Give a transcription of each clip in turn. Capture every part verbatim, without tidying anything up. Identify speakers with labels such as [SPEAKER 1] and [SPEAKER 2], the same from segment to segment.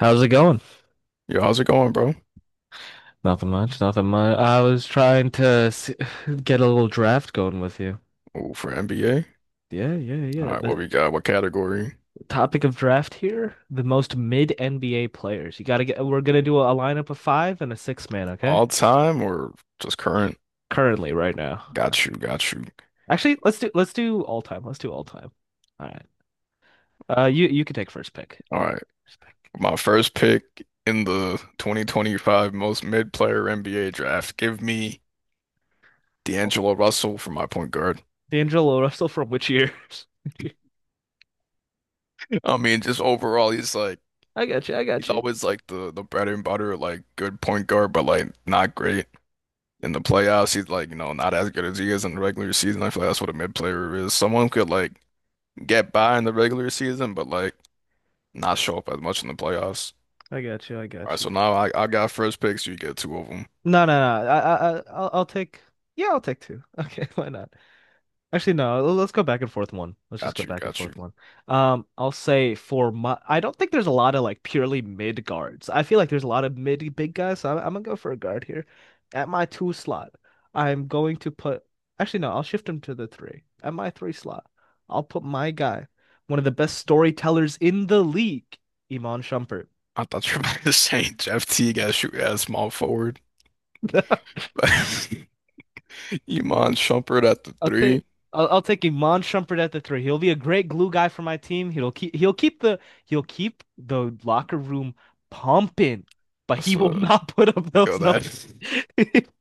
[SPEAKER 1] How's it going?
[SPEAKER 2] Yo, how's it going, bro?
[SPEAKER 1] Nothing much, nothing much. I was trying to s get a little draft going with you.
[SPEAKER 2] Oh, for N B A.
[SPEAKER 1] Yeah, yeah,
[SPEAKER 2] All
[SPEAKER 1] yeah.
[SPEAKER 2] right, what
[SPEAKER 1] The
[SPEAKER 2] we got? What category?
[SPEAKER 1] topic of draft here, the most mid N B A players. You gotta get, we're gonna do a, lineup of five and a six man, okay?
[SPEAKER 2] All time or just current?
[SPEAKER 1] Currently, right now.
[SPEAKER 2] Got you, got you.
[SPEAKER 1] Actually, let's do let's do all time. Let's do all time. All right. Uh, you you can take first pick.
[SPEAKER 2] All right.
[SPEAKER 1] First pick.
[SPEAKER 2] My first pick in the twenty twenty-five most mid player N B A draft. Give me D'Angelo Russell for my point guard.
[SPEAKER 1] D'Angelo Russell from which year?
[SPEAKER 2] I mean, just overall, he's like
[SPEAKER 1] I got you. I
[SPEAKER 2] he's
[SPEAKER 1] got you.
[SPEAKER 2] always like the the bread and butter, like good point guard, but like not great in the playoffs. He's like, you know, not as good as he is in the regular season. I feel like that's what a mid player is. Someone could like get by in the regular season, but like not show up as much in the playoffs.
[SPEAKER 1] I got you. I
[SPEAKER 2] All
[SPEAKER 1] got
[SPEAKER 2] right, so
[SPEAKER 1] you.
[SPEAKER 2] now I, I got first picks. You get two of them.
[SPEAKER 1] No, no, no. I, I, I- I'll, I'll take. Yeah, I'll take two. Okay, why not? Actually, no. l- Let's go back and forth one. Let's just go
[SPEAKER 2] Got you,
[SPEAKER 1] back and
[SPEAKER 2] got you.
[SPEAKER 1] forth one. Um, I'll say for my. I don't think there's a lot of like purely mid guards. I feel like there's a lot of mid big guys. So I'm, I'm gonna go for a guard here. At my two slot, I'm going to put. Actually, no. I'll shift him to the three. At my three slot, I'll put my guy, one of the best storytellers in the league, Iman Shumpert.
[SPEAKER 2] I thought you were about to say Jeff Teague as shoot as small forward. Iman Shumpert at the
[SPEAKER 1] I'll
[SPEAKER 2] three.
[SPEAKER 1] take I'll, I'll take Iman Shumpert at the three. He'll be a great glue guy for my team. He'll keep he'll keep the he'll keep the locker room pumping, but
[SPEAKER 2] That's
[SPEAKER 1] he will
[SPEAKER 2] a
[SPEAKER 1] not put up
[SPEAKER 2] Yo,
[SPEAKER 1] those
[SPEAKER 2] that
[SPEAKER 1] numbers.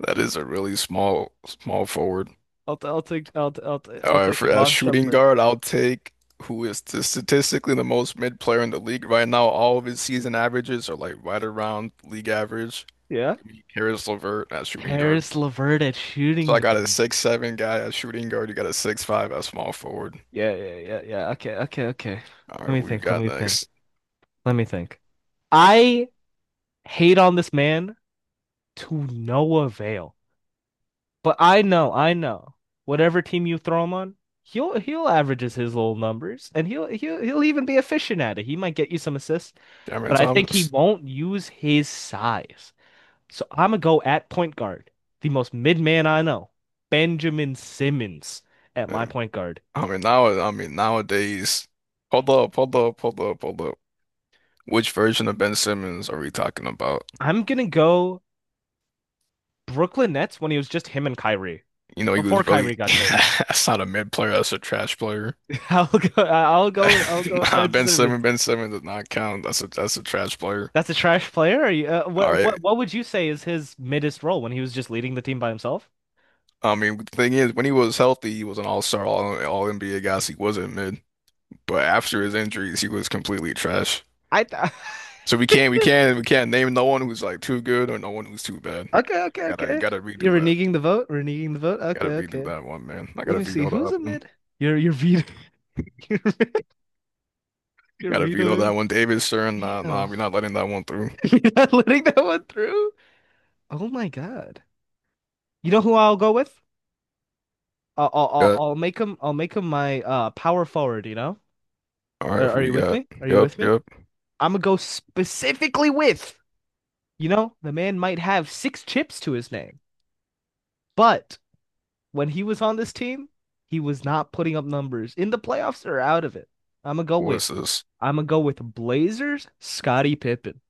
[SPEAKER 2] that is a really small small forward.
[SPEAKER 1] I'll I'll take I'll I'll
[SPEAKER 2] All
[SPEAKER 1] I'll
[SPEAKER 2] right,
[SPEAKER 1] take
[SPEAKER 2] for as
[SPEAKER 1] Iman
[SPEAKER 2] shooting
[SPEAKER 1] Shumpert.
[SPEAKER 2] guard, I'll take who is t statistically the most mid player in the league right now. All of his season averages are like right around league average.
[SPEAKER 1] Yeah.
[SPEAKER 2] Give me Caris LeVert at shooting guard.
[SPEAKER 1] Harris LeVert at
[SPEAKER 2] So
[SPEAKER 1] shooting
[SPEAKER 2] I got a
[SPEAKER 1] guard.
[SPEAKER 2] six seven guy at shooting guard. You got a six five at small forward.
[SPEAKER 1] Yeah, yeah, yeah, yeah. Okay, okay, okay.
[SPEAKER 2] All
[SPEAKER 1] Let
[SPEAKER 2] right,
[SPEAKER 1] me
[SPEAKER 2] who you
[SPEAKER 1] think. Let
[SPEAKER 2] got
[SPEAKER 1] me think.
[SPEAKER 2] next?
[SPEAKER 1] Let me think. I hate on this man to no avail. But I know, I know. Whatever team you throw him on, he'll he'll averages his little numbers, and he'll he'll he'll even be efficient at it. He might get you some assists,
[SPEAKER 2] Cameron
[SPEAKER 1] but I think he
[SPEAKER 2] Thomas.
[SPEAKER 1] won't use his size. So I'm gonna go at point guard, the most mid man I know, Benjamin Simmons at my
[SPEAKER 2] And,
[SPEAKER 1] point guard.
[SPEAKER 2] I mean, now, I mean, nowadays. Hold up, hold up, hold up, hold up. Which version of Ben Simmons are we talking about?
[SPEAKER 1] I'm gonna go Brooklyn Nets when he was just him and Kyrie
[SPEAKER 2] You know, he
[SPEAKER 1] before
[SPEAKER 2] was really
[SPEAKER 1] Kyrie got traded.
[SPEAKER 2] that's not a mid player. That's a trash player.
[SPEAKER 1] I'll go. I'll go. I'll go with
[SPEAKER 2] Nah,
[SPEAKER 1] Ben
[SPEAKER 2] Ben
[SPEAKER 1] Simmons.
[SPEAKER 2] Simmons, Ben Simmons does not count. That's a that's a trash player.
[SPEAKER 1] That's a trash player. Or you, uh,
[SPEAKER 2] All
[SPEAKER 1] what
[SPEAKER 2] right.
[SPEAKER 1] what what would you say is his middest role when he was just leading the team by himself?
[SPEAKER 2] I mean, the thing is, when he was healthy, he was an all-star, all all N B A guy. So he wasn't mid. But after his injuries, he was completely trash.
[SPEAKER 1] I th
[SPEAKER 2] So we can't, we can't, we can't name no one who's like too good or no one who's too bad.
[SPEAKER 1] okay, okay,
[SPEAKER 2] You gotta, you
[SPEAKER 1] okay.
[SPEAKER 2] gotta redo
[SPEAKER 1] You're
[SPEAKER 2] that.
[SPEAKER 1] reneging the vote, reneging the vote. Okay,
[SPEAKER 2] Gotta redo
[SPEAKER 1] okay.
[SPEAKER 2] that one, man. I
[SPEAKER 1] Let
[SPEAKER 2] gotta
[SPEAKER 1] me see
[SPEAKER 2] veto
[SPEAKER 1] who's
[SPEAKER 2] that
[SPEAKER 1] a
[SPEAKER 2] one.
[SPEAKER 1] mid. You're you're vetoing you're, you're
[SPEAKER 2] Gotta veto that
[SPEAKER 1] vetoing.
[SPEAKER 2] one. David Stern, nah, nah,
[SPEAKER 1] Damn,
[SPEAKER 2] we're not letting that one through.
[SPEAKER 1] you're not letting that one through. Oh my God. You know who I'll go with? I'll I'll I'll
[SPEAKER 2] Yeah.
[SPEAKER 1] I'll make him I'll make him my uh power forward. You know?
[SPEAKER 2] All
[SPEAKER 1] Are,
[SPEAKER 2] right, who
[SPEAKER 1] are
[SPEAKER 2] we
[SPEAKER 1] you with
[SPEAKER 2] got?
[SPEAKER 1] me? Are you
[SPEAKER 2] Yep,
[SPEAKER 1] with me?
[SPEAKER 2] yep.
[SPEAKER 1] I'm gonna go specifically with you know, the man might have six chips to his name, but when he was on this team, he was not putting up numbers in the playoffs or out of it. I'm gonna go
[SPEAKER 2] What is
[SPEAKER 1] with,
[SPEAKER 2] this?
[SPEAKER 1] I'm gonna go with Blazers, Scottie Pippen.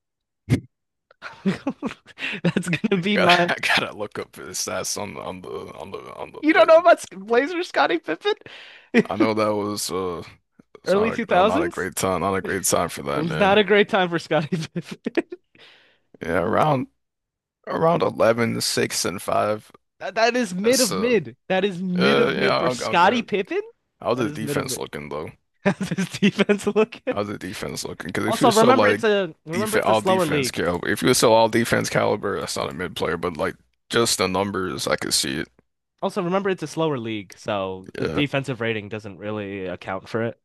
[SPEAKER 1] That's gonna be
[SPEAKER 2] Gotta,
[SPEAKER 1] my.
[SPEAKER 2] I gotta look up his stats on the on the on the on the
[SPEAKER 1] You don't know
[SPEAKER 2] Blazers.
[SPEAKER 1] about Blazers, Scottie Pippen?
[SPEAKER 2] I know that was uh, it's
[SPEAKER 1] Early
[SPEAKER 2] not a, no, not a
[SPEAKER 1] two thousands?
[SPEAKER 2] great time, not a great time for
[SPEAKER 1] It
[SPEAKER 2] that
[SPEAKER 1] was not
[SPEAKER 2] man.
[SPEAKER 1] a great time for Scottie Pippen.
[SPEAKER 2] Yeah, around around eleven, six, and five.
[SPEAKER 1] That, that is mid
[SPEAKER 2] That's
[SPEAKER 1] of
[SPEAKER 2] uh,
[SPEAKER 1] mid. That is mid
[SPEAKER 2] uh,
[SPEAKER 1] of
[SPEAKER 2] yeah,
[SPEAKER 1] mid for
[SPEAKER 2] I'll, I'll
[SPEAKER 1] Scottie
[SPEAKER 2] get.
[SPEAKER 1] Pippen.
[SPEAKER 2] How's
[SPEAKER 1] That
[SPEAKER 2] the
[SPEAKER 1] is mid of
[SPEAKER 2] defense
[SPEAKER 1] mid.
[SPEAKER 2] looking though?
[SPEAKER 1] How's his defense looking?
[SPEAKER 2] How's the defense looking? Because if you are
[SPEAKER 1] Also,
[SPEAKER 2] so
[SPEAKER 1] remember it's
[SPEAKER 2] like
[SPEAKER 1] a
[SPEAKER 2] def
[SPEAKER 1] remember it's a
[SPEAKER 2] all
[SPEAKER 1] slower
[SPEAKER 2] defense
[SPEAKER 1] league.
[SPEAKER 2] caliber, if you were so all defense caliber, that's not a mid player, but like just the numbers, I could see it.
[SPEAKER 1] Also, remember it's a slower league, so a
[SPEAKER 2] Yeah,
[SPEAKER 1] defensive rating doesn't really account for it.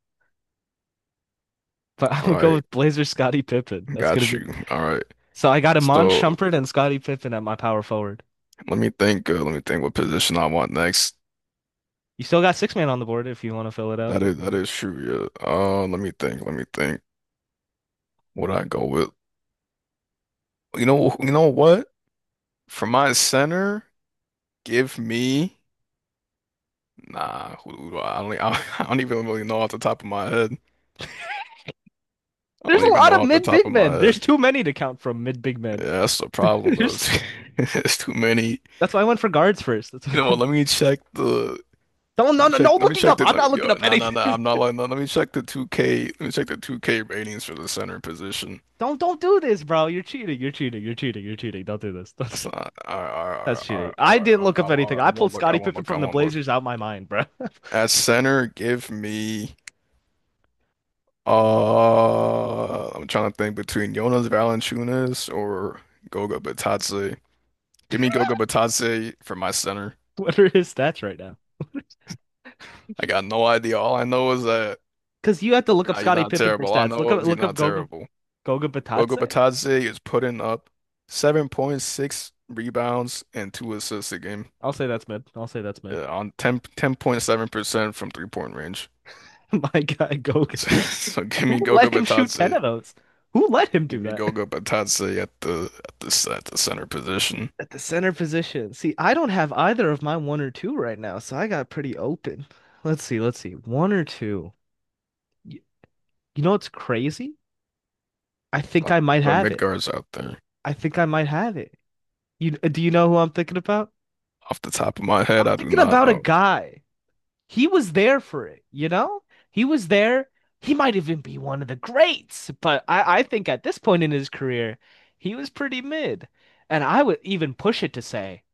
[SPEAKER 1] But I'm
[SPEAKER 2] all
[SPEAKER 1] gonna go
[SPEAKER 2] right,
[SPEAKER 1] with Blazer Scottie Pippen. That's gonna
[SPEAKER 2] got
[SPEAKER 1] be.
[SPEAKER 2] you. All right,
[SPEAKER 1] So I got Iman
[SPEAKER 2] so
[SPEAKER 1] Shumpert and Scottie Pippen at my power forward.
[SPEAKER 2] let me think. Uh, let me think what position I want next.
[SPEAKER 1] You still got six man on the board if you want to fill it out,
[SPEAKER 2] That
[SPEAKER 1] but,
[SPEAKER 2] is
[SPEAKER 1] you
[SPEAKER 2] that
[SPEAKER 1] know.
[SPEAKER 2] is true. Yeah. Uh, let me think. Let me think. What I go with? You know. You know what? For my center, give me. Nah, who, who do I, I don't, e, I don't even really know off the top of my head. I
[SPEAKER 1] There's
[SPEAKER 2] don't
[SPEAKER 1] a
[SPEAKER 2] even
[SPEAKER 1] lot
[SPEAKER 2] know
[SPEAKER 1] of
[SPEAKER 2] off the
[SPEAKER 1] mid
[SPEAKER 2] top
[SPEAKER 1] big
[SPEAKER 2] of my
[SPEAKER 1] men. There's
[SPEAKER 2] head.
[SPEAKER 1] too many to count from mid big men.
[SPEAKER 2] Yeah, that's the problem though.
[SPEAKER 1] There's
[SPEAKER 2] It's,
[SPEAKER 1] t-
[SPEAKER 2] it's too many.
[SPEAKER 1] That's why I went for guards first. That's
[SPEAKER 2] You know
[SPEAKER 1] why...
[SPEAKER 2] what? Let me check the.
[SPEAKER 1] Don't
[SPEAKER 2] Let
[SPEAKER 1] no
[SPEAKER 2] me
[SPEAKER 1] no
[SPEAKER 2] check.
[SPEAKER 1] no
[SPEAKER 2] Let me
[SPEAKER 1] looking
[SPEAKER 2] check
[SPEAKER 1] up.
[SPEAKER 2] the.
[SPEAKER 1] I'm
[SPEAKER 2] Let me.
[SPEAKER 1] not looking
[SPEAKER 2] Yo,
[SPEAKER 1] up
[SPEAKER 2] no, no, no.
[SPEAKER 1] anything.
[SPEAKER 2] I'm not like. No, let me check the two K. Let me check the two K ratings for the center position.
[SPEAKER 1] Don't don't do this, bro. You're cheating. You're cheating. You're cheating. You're cheating. Don't do this. Don't
[SPEAKER 2] That's
[SPEAKER 1] do
[SPEAKER 2] not. All right, all right,
[SPEAKER 1] that's
[SPEAKER 2] all
[SPEAKER 1] cheating.
[SPEAKER 2] right, all
[SPEAKER 1] I
[SPEAKER 2] right,
[SPEAKER 1] didn't
[SPEAKER 2] all right,
[SPEAKER 1] look up
[SPEAKER 2] I'm- all
[SPEAKER 1] anything.
[SPEAKER 2] right, I
[SPEAKER 1] I pulled
[SPEAKER 2] won't look. I
[SPEAKER 1] Scottie
[SPEAKER 2] won't
[SPEAKER 1] Pippen
[SPEAKER 2] look. I
[SPEAKER 1] from the
[SPEAKER 2] won't look.
[SPEAKER 1] Blazers out of my mind, bro.
[SPEAKER 2] At center, give me. Uh, I'm trying to think between Jonas Valanciunas or Goga Bitadze. Give me Gogo Batase for my center.
[SPEAKER 1] What are his stats right now?
[SPEAKER 2] I got no idea. All I know is that,
[SPEAKER 1] Because you have to look up
[SPEAKER 2] nah, he's
[SPEAKER 1] Scottie
[SPEAKER 2] not
[SPEAKER 1] Pippen for
[SPEAKER 2] terrible. All I
[SPEAKER 1] stats. Look
[SPEAKER 2] know
[SPEAKER 1] up
[SPEAKER 2] is he's
[SPEAKER 1] look up
[SPEAKER 2] not
[SPEAKER 1] Goga
[SPEAKER 2] terrible.
[SPEAKER 1] Goga
[SPEAKER 2] Gogo
[SPEAKER 1] Batatse.
[SPEAKER 2] Batase is putting up seven point six rebounds and two assists a game,
[SPEAKER 1] I'll say that's mid. I'll say that's mid.
[SPEAKER 2] uh, on ten, ten point seven percent from three-point range.
[SPEAKER 1] My guy Goga.
[SPEAKER 2] So, so give me
[SPEAKER 1] Who
[SPEAKER 2] Gogo
[SPEAKER 1] let him shoot ten
[SPEAKER 2] Batase.
[SPEAKER 1] of those? Who let him do
[SPEAKER 2] Give me
[SPEAKER 1] that?
[SPEAKER 2] Gogo Batase at the at the, at the center position.
[SPEAKER 1] At the center position. See, I don't have either of my one or two right now, so I got pretty open. Let's see, let's see. One or two. Y- You know what's crazy? I
[SPEAKER 2] A
[SPEAKER 1] think
[SPEAKER 2] lot
[SPEAKER 1] I might
[SPEAKER 2] of
[SPEAKER 1] have
[SPEAKER 2] mid
[SPEAKER 1] it.
[SPEAKER 2] guards out there.
[SPEAKER 1] I think I might have it. You do you know who I'm thinking about?
[SPEAKER 2] Off the top of my head,
[SPEAKER 1] I'm
[SPEAKER 2] I do
[SPEAKER 1] thinking
[SPEAKER 2] not
[SPEAKER 1] about a
[SPEAKER 2] know.
[SPEAKER 1] guy. He was there for it, you know? He was there. He might even be one of the greats, but I, I think at this point in his career, he was pretty mid. And I would even push it to say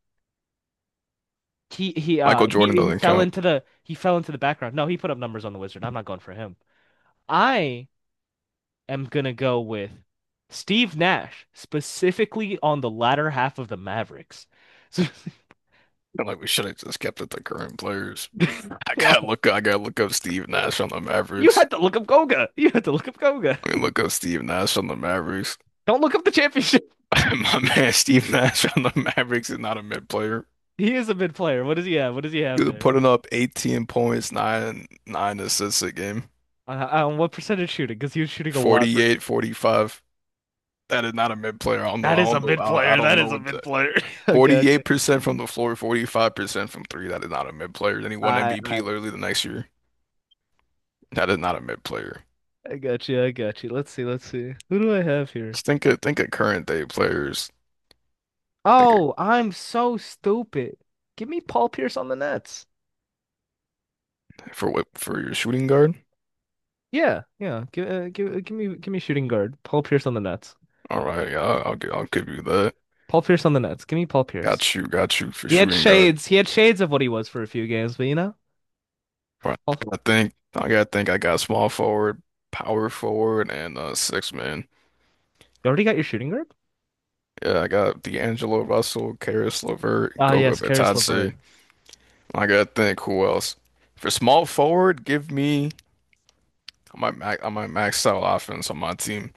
[SPEAKER 1] he he uh
[SPEAKER 2] Michael Jordan
[SPEAKER 1] he, he
[SPEAKER 2] doesn't
[SPEAKER 1] fell
[SPEAKER 2] count.
[SPEAKER 1] into the he fell into the background. No, he put up numbers on the Wizard. I'm not going for him. I am gonna go with Steve Nash, specifically on the latter half of the Mavericks. So,
[SPEAKER 2] Like, we should have just kept it the current players. I
[SPEAKER 1] well,
[SPEAKER 2] gotta look. I gotta look up Steve Nash on the
[SPEAKER 1] you
[SPEAKER 2] Mavericks.
[SPEAKER 1] had to look up Goga. you had to look up Goga.
[SPEAKER 2] I mean, look up Steve Nash on the Mavericks.
[SPEAKER 1] Don't look up the championship.
[SPEAKER 2] My man, Steve Nash on the Mavericks is not a mid player.
[SPEAKER 1] He is a mid player. What does he have? What does he have
[SPEAKER 2] He was
[SPEAKER 1] there?
[SPEAKER 2] putting up eighteen points, nine nine assists a game,
[SPEAKER 1] On, on what percentage shooting? Because he was shooting a lot. Per...
[SPEAKER 2] forty-eight, forty-five. That is not a mid player. I don't know.
[SPEAKER 1] That
[SPEAKER 2] I
[SPEAKER 1] is a
[SPEAKER 2] don't know.
[SPEAKER 1] mid
[SPEAKER 2] I I
[SPEAKER 1] player.
[SPEAKER 2] don't
[SPEAKER 1] That
[SPEAKER 2] know
[SPEAKER 1] is a
[SPEAKER 2] what
[SPEAKER 1] mid
[SPEAKER 2] that.
[SPEAKER 1] player. Okay, okay.
[SPEAKER 2] forty-eight percent from the floor, forty-five percent from three. That is not a mid player. Then he won
[SPEAKER 1] I,
[SPEAKER 2] M V P
[SPEAKER 1] I,
[SPEAKER 2] literally the next year. That is not a mid player.
[SPEAKER 1] I got you. I got you. Let's see. Let's see. Who do I have here?
[SPEAKER 2] Just think of think of current day players. Think of,
[SPEAKER 1] Oh, I'm so stupid. Give me Paul Pierce on the Nets.
[SPEAKER 2] for what for your shooting guard.
[SPEAKER 1] Yeah, yeah. Give, uh, give, uh, give me, give me shooting guard. Paul Pierce on the Nets.
[SPEAKER 2] Alright, yeah, I'll, I'll gi- I'll give you that.
[SPEAKER 1] Paul Pierce on the Nets. Give me Paul Pierce.
[SPEAKER 2] Got you, got you for
[SPEAKER 1] He had
[SPEAKER 2] shooting guard.
[SPEAKER 1] shades. He had shades of what he was for a few games, but you know,
[SPEAKER 2] But
[SPEAKER 1] Paul,
[SPEAKER 2] I think I gotta think I got small forward, power forward, and uh six man.
[SPEAKER 1] you already got your shooting guard.
[SPEAKER 2] Yeah, I got D'Angelo Russell, Caris LeVert,
[SPEAKER 1] Oh
[SPEAKER 2] Goga
[SPEAKER 1] yes, Caris
[SPEAKER 2] Bitadze.
[SPEAKER 1] LeVert.
[SPEAKER 2] I gotta think who else. For small forward, give me. I might max I might max out offense on my team.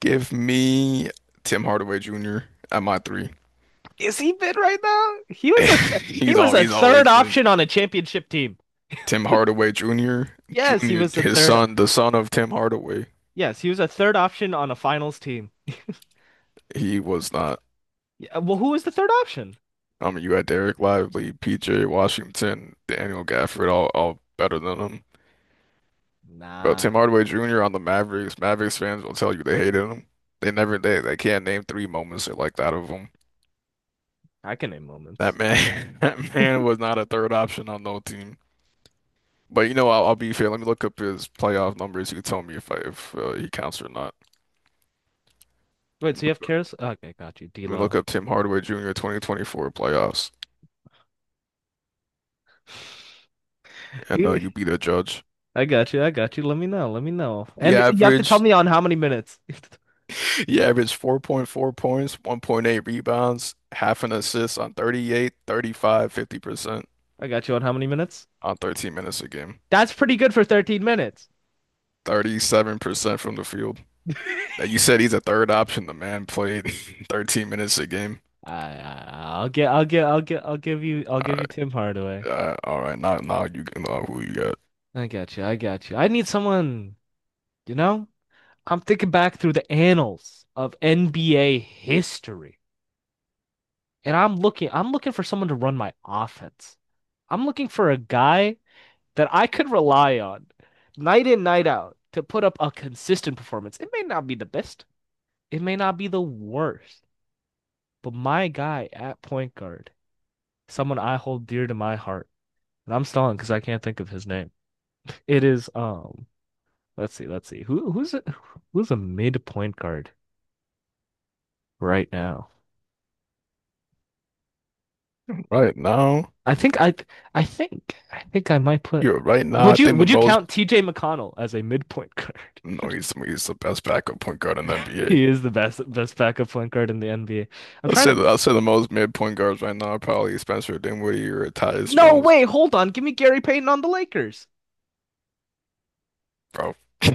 [SPEAKER 2] Give me Tim Hardaway Junior at my three.
[SPEAKER 1] Is he fit right now? He was a th- he
[SPEAKER 2] He's
[SPEAKER 1] was
[SPEAKER 2] all
[SPEAKER 1] a
[SPEAKER 2] he's
[SPEAKER 1] third
[SPEAKER 2] always been
[SPEAKER 1] option on a championship team.
[SPEAKER 2] Tim Hardaway Junior
[SPEAKER 1] Yes, he
[SPEAKER 2] Junior
[SPEAKER 1] was a
[SPEAKER 2] His
[SPEAKER 1] third.
[SPEAKER 2] son, the son of Tim Hardaway.
[SPEAKER 1] Yes, he was a third option on a finals team.
[SPEAKER 2] He was not.
[SPEAKER 1] Yeah, well, who was the third option?
[SPEAKER 2] I mean, you had Derek Lively, P J Washington, Daniel Gafford, all all better than him. But
[SPEAKER 1] Nah,
[SPEAKER 2] Tim Hardaway Junior on the Mavericks, Mavericks fans will tell you they hated him. They never they they can't name three moments like that of him.
[SPEAKER 1] I can name
[SPEAKER 2] That
[SPEAKER 1] moments.
[SPEAKER 2] man, that man was not a third option on no team. But, you know, I'll, I'll be fair. Let me look up his playoff numbers. You can tell me if I, if uh, he counts or not.
[SPEAKER 1] Wait, so you have Karis? Okay, got you,
[SPEAKER 2] Let me look
[SPEAKER 1] D'Lo.
[SPEAKER 2] up Tim Hardaway Junior twenty twenty-four playoffs, and uh,
[SPEAKER 1] He-
[SPEAKER 2] you be the judge.
[SPEAKER 1] I got you. I got you. Let me know. Let me know.
[SPEAKER 2] He
[SPEAKER 1] And you have to tell
[SPEAKER 2] averaged
[SPEAKER 1] me on how many minutes.
[SPEAKER 2] He averaged four point four points, one point eight rebounds, half an assist on thirty eight, thirty five, fifty percent
[SPEAKER 1] I got you on how many minutes?
[SPEAKER 2] on thirteen minutes a game.
[SPEAKER 1] That's pretty good for thirteen minutes.
[SPEAKER 2] thirty-seven percent from the field.
[SPEAKER 1] I,
[SPEAKER 2] Now, you said he's a third option. The man played thirteen minutes a game.
[SPEAKER 1] I I'll get I'll get I'll get I'll give you I'll
[SPEAKER 2] All
[SPEAKER 1] give you Tim Hardaway.
[SPEAKER 2] right, uh, all right. Now, now you can know who you got.
[SPEAKER 1] I got you. I got you. I need someone, you know? I'm thinking back through the annals of N B A history, and I'm looking I'm looking for someone to run my offense. I'm looking for a guy that I could rely on night in, night out to put up a consistent performance. It may not be the best, it may not be the worst, but my guy at point guard, someone I hold dear to my heart, and I'm stalling because I can't think of his name. It is um Let's see, let's see. Who who's a, who's a mid point guard right now?
[SPEAKER 2] Right now,
[SPEAKER 1] I think I I think I think I might put
[SPEAKER 2] you're right now. I
[SPEAKER 1] Would you
[SPEAKER 2] think the
[SPEAKER 1] would you
[SPEAKER 2] most.
[SPEAKER 1] count T J McConnell as a mid point guard?
[SPEAKER 2] No, he's he's the best backup point guard in the N B A.
[SPEAKER 1] He is the best best backup point guard in the N B A. I'm
[SPEAKER 2] I'll
[SPEAKER 1] trying
[SPEAKER 2] say
[SPEAKER 1] to
[SPEAKER 2] the, I'll say the most mid point guards right now are probably Spencer Dinwiddie or Tyus
[SPEAKER 1] no,
[SPEAKER 2] Jones,
[SPEAKER 1] way. Hold on. Give me Gary Payton on the Lakers.
[SPEAKER 2] bro.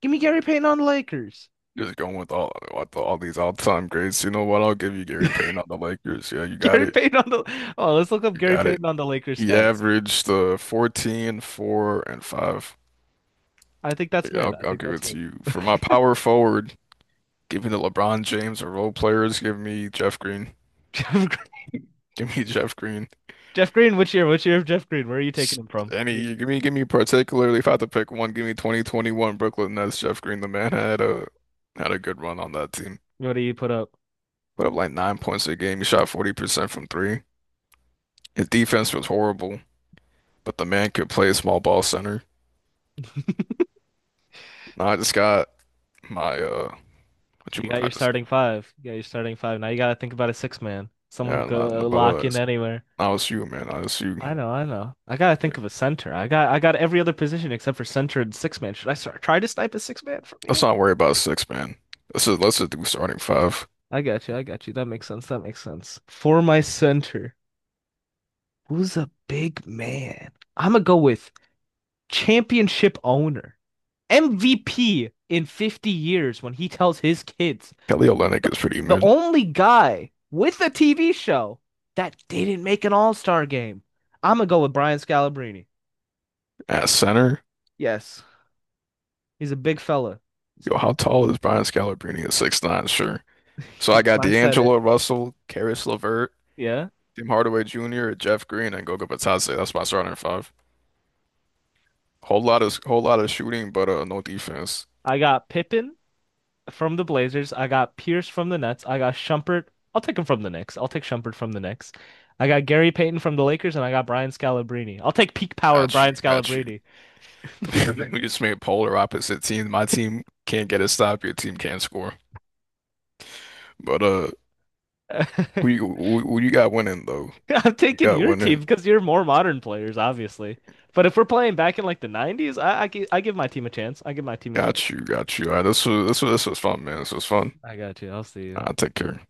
[SPEAKER 1] Give me Gary Payton on the Lakers.
[SPEAKER 2] Just going with all with all these all-time greats. You know what? I'll give you Gary Payton on the Lakers. Yeah, you got
[SPEAKER 1] Gary
[SPEAKER 2] it.
[SPEAKER 1] Payton on the Oh, let's look up
[SPEAKER 2] You
[SPEAKER 1] Gary
[SPEAKER 2] got it.
[SPEAKER 1] Payton on the Lakers
[SPEAKER 2] He
[SPEAKER 1] stats.
[SPEAKER 2] averaged uh, fourteen, four, and five.
[SPEAKER 1] I think that's
[SPEAKER 2] Yeah,
[SPEAKER 1] mid.
[SPEAKER 2] I'll,
[SPEAKER 1] I
[SPEAKER 2] I'll
[SPEAKER 1] think
[SPEAKER 2] give
[SPEAKER 1] that's
[SPEAKER 2] it
[SPEAKER 1] mid.
[SPEAKER 2] to you. For my power forward, give me the LeBron James or role players. Give me Jeff Green.
[SPEAKER 1] Jeff
[SPEAKER 2] Give me Jeff Green.
[SPEAKER 1] Jeff Green, which year? Which year of Jeff Green? Where are you taking him from?
[SPEAKER 2] Any, give me, give me particularly, if I had to pick one, give me twenty twenty-one Brooklyn Nets. Jeff Green, the man had a had a good run on that team.
[SPEAKER 1] What do you put up?
[SPEAKER 2] Put up like nine points a game. He shot forty percent from three. His defense was horrible. But the man could play small ball center. No, I just got my uh what, you,
[SPEAKER 1] You got
[SPEAKER 2] I
[SPEAKER 1] your
[SPEAKER 2] just,
[SPEAKER 1] starting five. You got your starting five. Now you gotta think about a six man. Someone who
[SPEAKER 2] yeah, not,
[SPEAKER 1] go
[SPEAKER 2] but
[SPEAKER 1] lock
[SPEAKER 2] uh
[SPEAKER 1] in
[SPEAKER 2] it's
[SPEAKER 1] anywhere.
[SPEAKER 2] L S U, man. L S U.
[SPEAKER 1] I know, I know. I gotta think of a center. I got I got every other position except for center and six man. Should I start try to snipe a six man from
[SPEAKER 2] Let's
[SPEAKER 1] you?
[SPEAKER 2] not worry about six, man. Let's just let's just do starting five.
[SPEAKER 1] I got you, I got you. That makes sense. That makes sense. For my center, who's a big man? I'm gonna go with championship owner. M V P in fifty years when he tells his kids
[SPEAKER 2] Kelly
[SPEAKER 1] The,
[SPEAKER 2] Olynyk is pretty
[SPEAKER 1] the
[SPEAKER 2] mid.
[SPEAKER 1] only guy with a T V show that didn't make an All Star game. I'm gonna go with Brian Scalabrine.
[SPEAKER 2] At center,
[SPEAKER 1] Yes, he's a big fella. He's a
[SPEAKER 2] yo,
[SPEAKER 1] big
[SPEAKER 2] how
[SPEAKER 1] fella.
[SPEAKER 2] tall is Brian Scalabrine at six nine? Sure. So I
[SPEAKER 1] He's
[SPEAKER 2] got
[SPEAKER 1] my setter.
[SPEAKER 2] D'Angelo Russell, Caris LeVert,
[SPEAKER 1] Yeah,
[SPEAKER 2] Tim Hardaway Junior, Jeff Green, and Goga Batadze. That's my starting five. Whole lot of whole lot of shooting, but uh, no defense.
[SPEAKER 1] I got Pippen from the Blazers. I got Pierce from the Nets. I got Shumpert. I'll take him from the Knicks. I'll take Shumpert from the Knicks. I got Gary Payton from the Lakers, and I got Brian Scalabrine. I'll take peak power
[SPEAKER 2] Got you,
[SPEAKER 1] Brian
[SPEAKER 2] got you.
[SPEAKER 1] Scalabrine.
[SPEAKER 2] We just made polar opposite teams. My team can't get a stop. Your team can't score. But uh, who you who, who you got winning though?
[SPEAKER 1] I'm
[SPEAKER 2] You
[SPEAKER 1] taking
[SPEAKER 2] got
[SPEAKER 1] your team
[SPEAKER 2] winning.
[SPEAKER 1] because you're more modern players, obviously. But if we're playing back in like the nineties, I, I, gi- I give my team a chance. I give my team a
[SPEAKER 2] Got
[SPEAKER 1] chance.
[SPEAKER 2] you, got you. All right, this was this was this was fun, man. This was fun.
[SPEAKER 1] I got you. I'll see you.
[SPEAKER 2] I'll take care.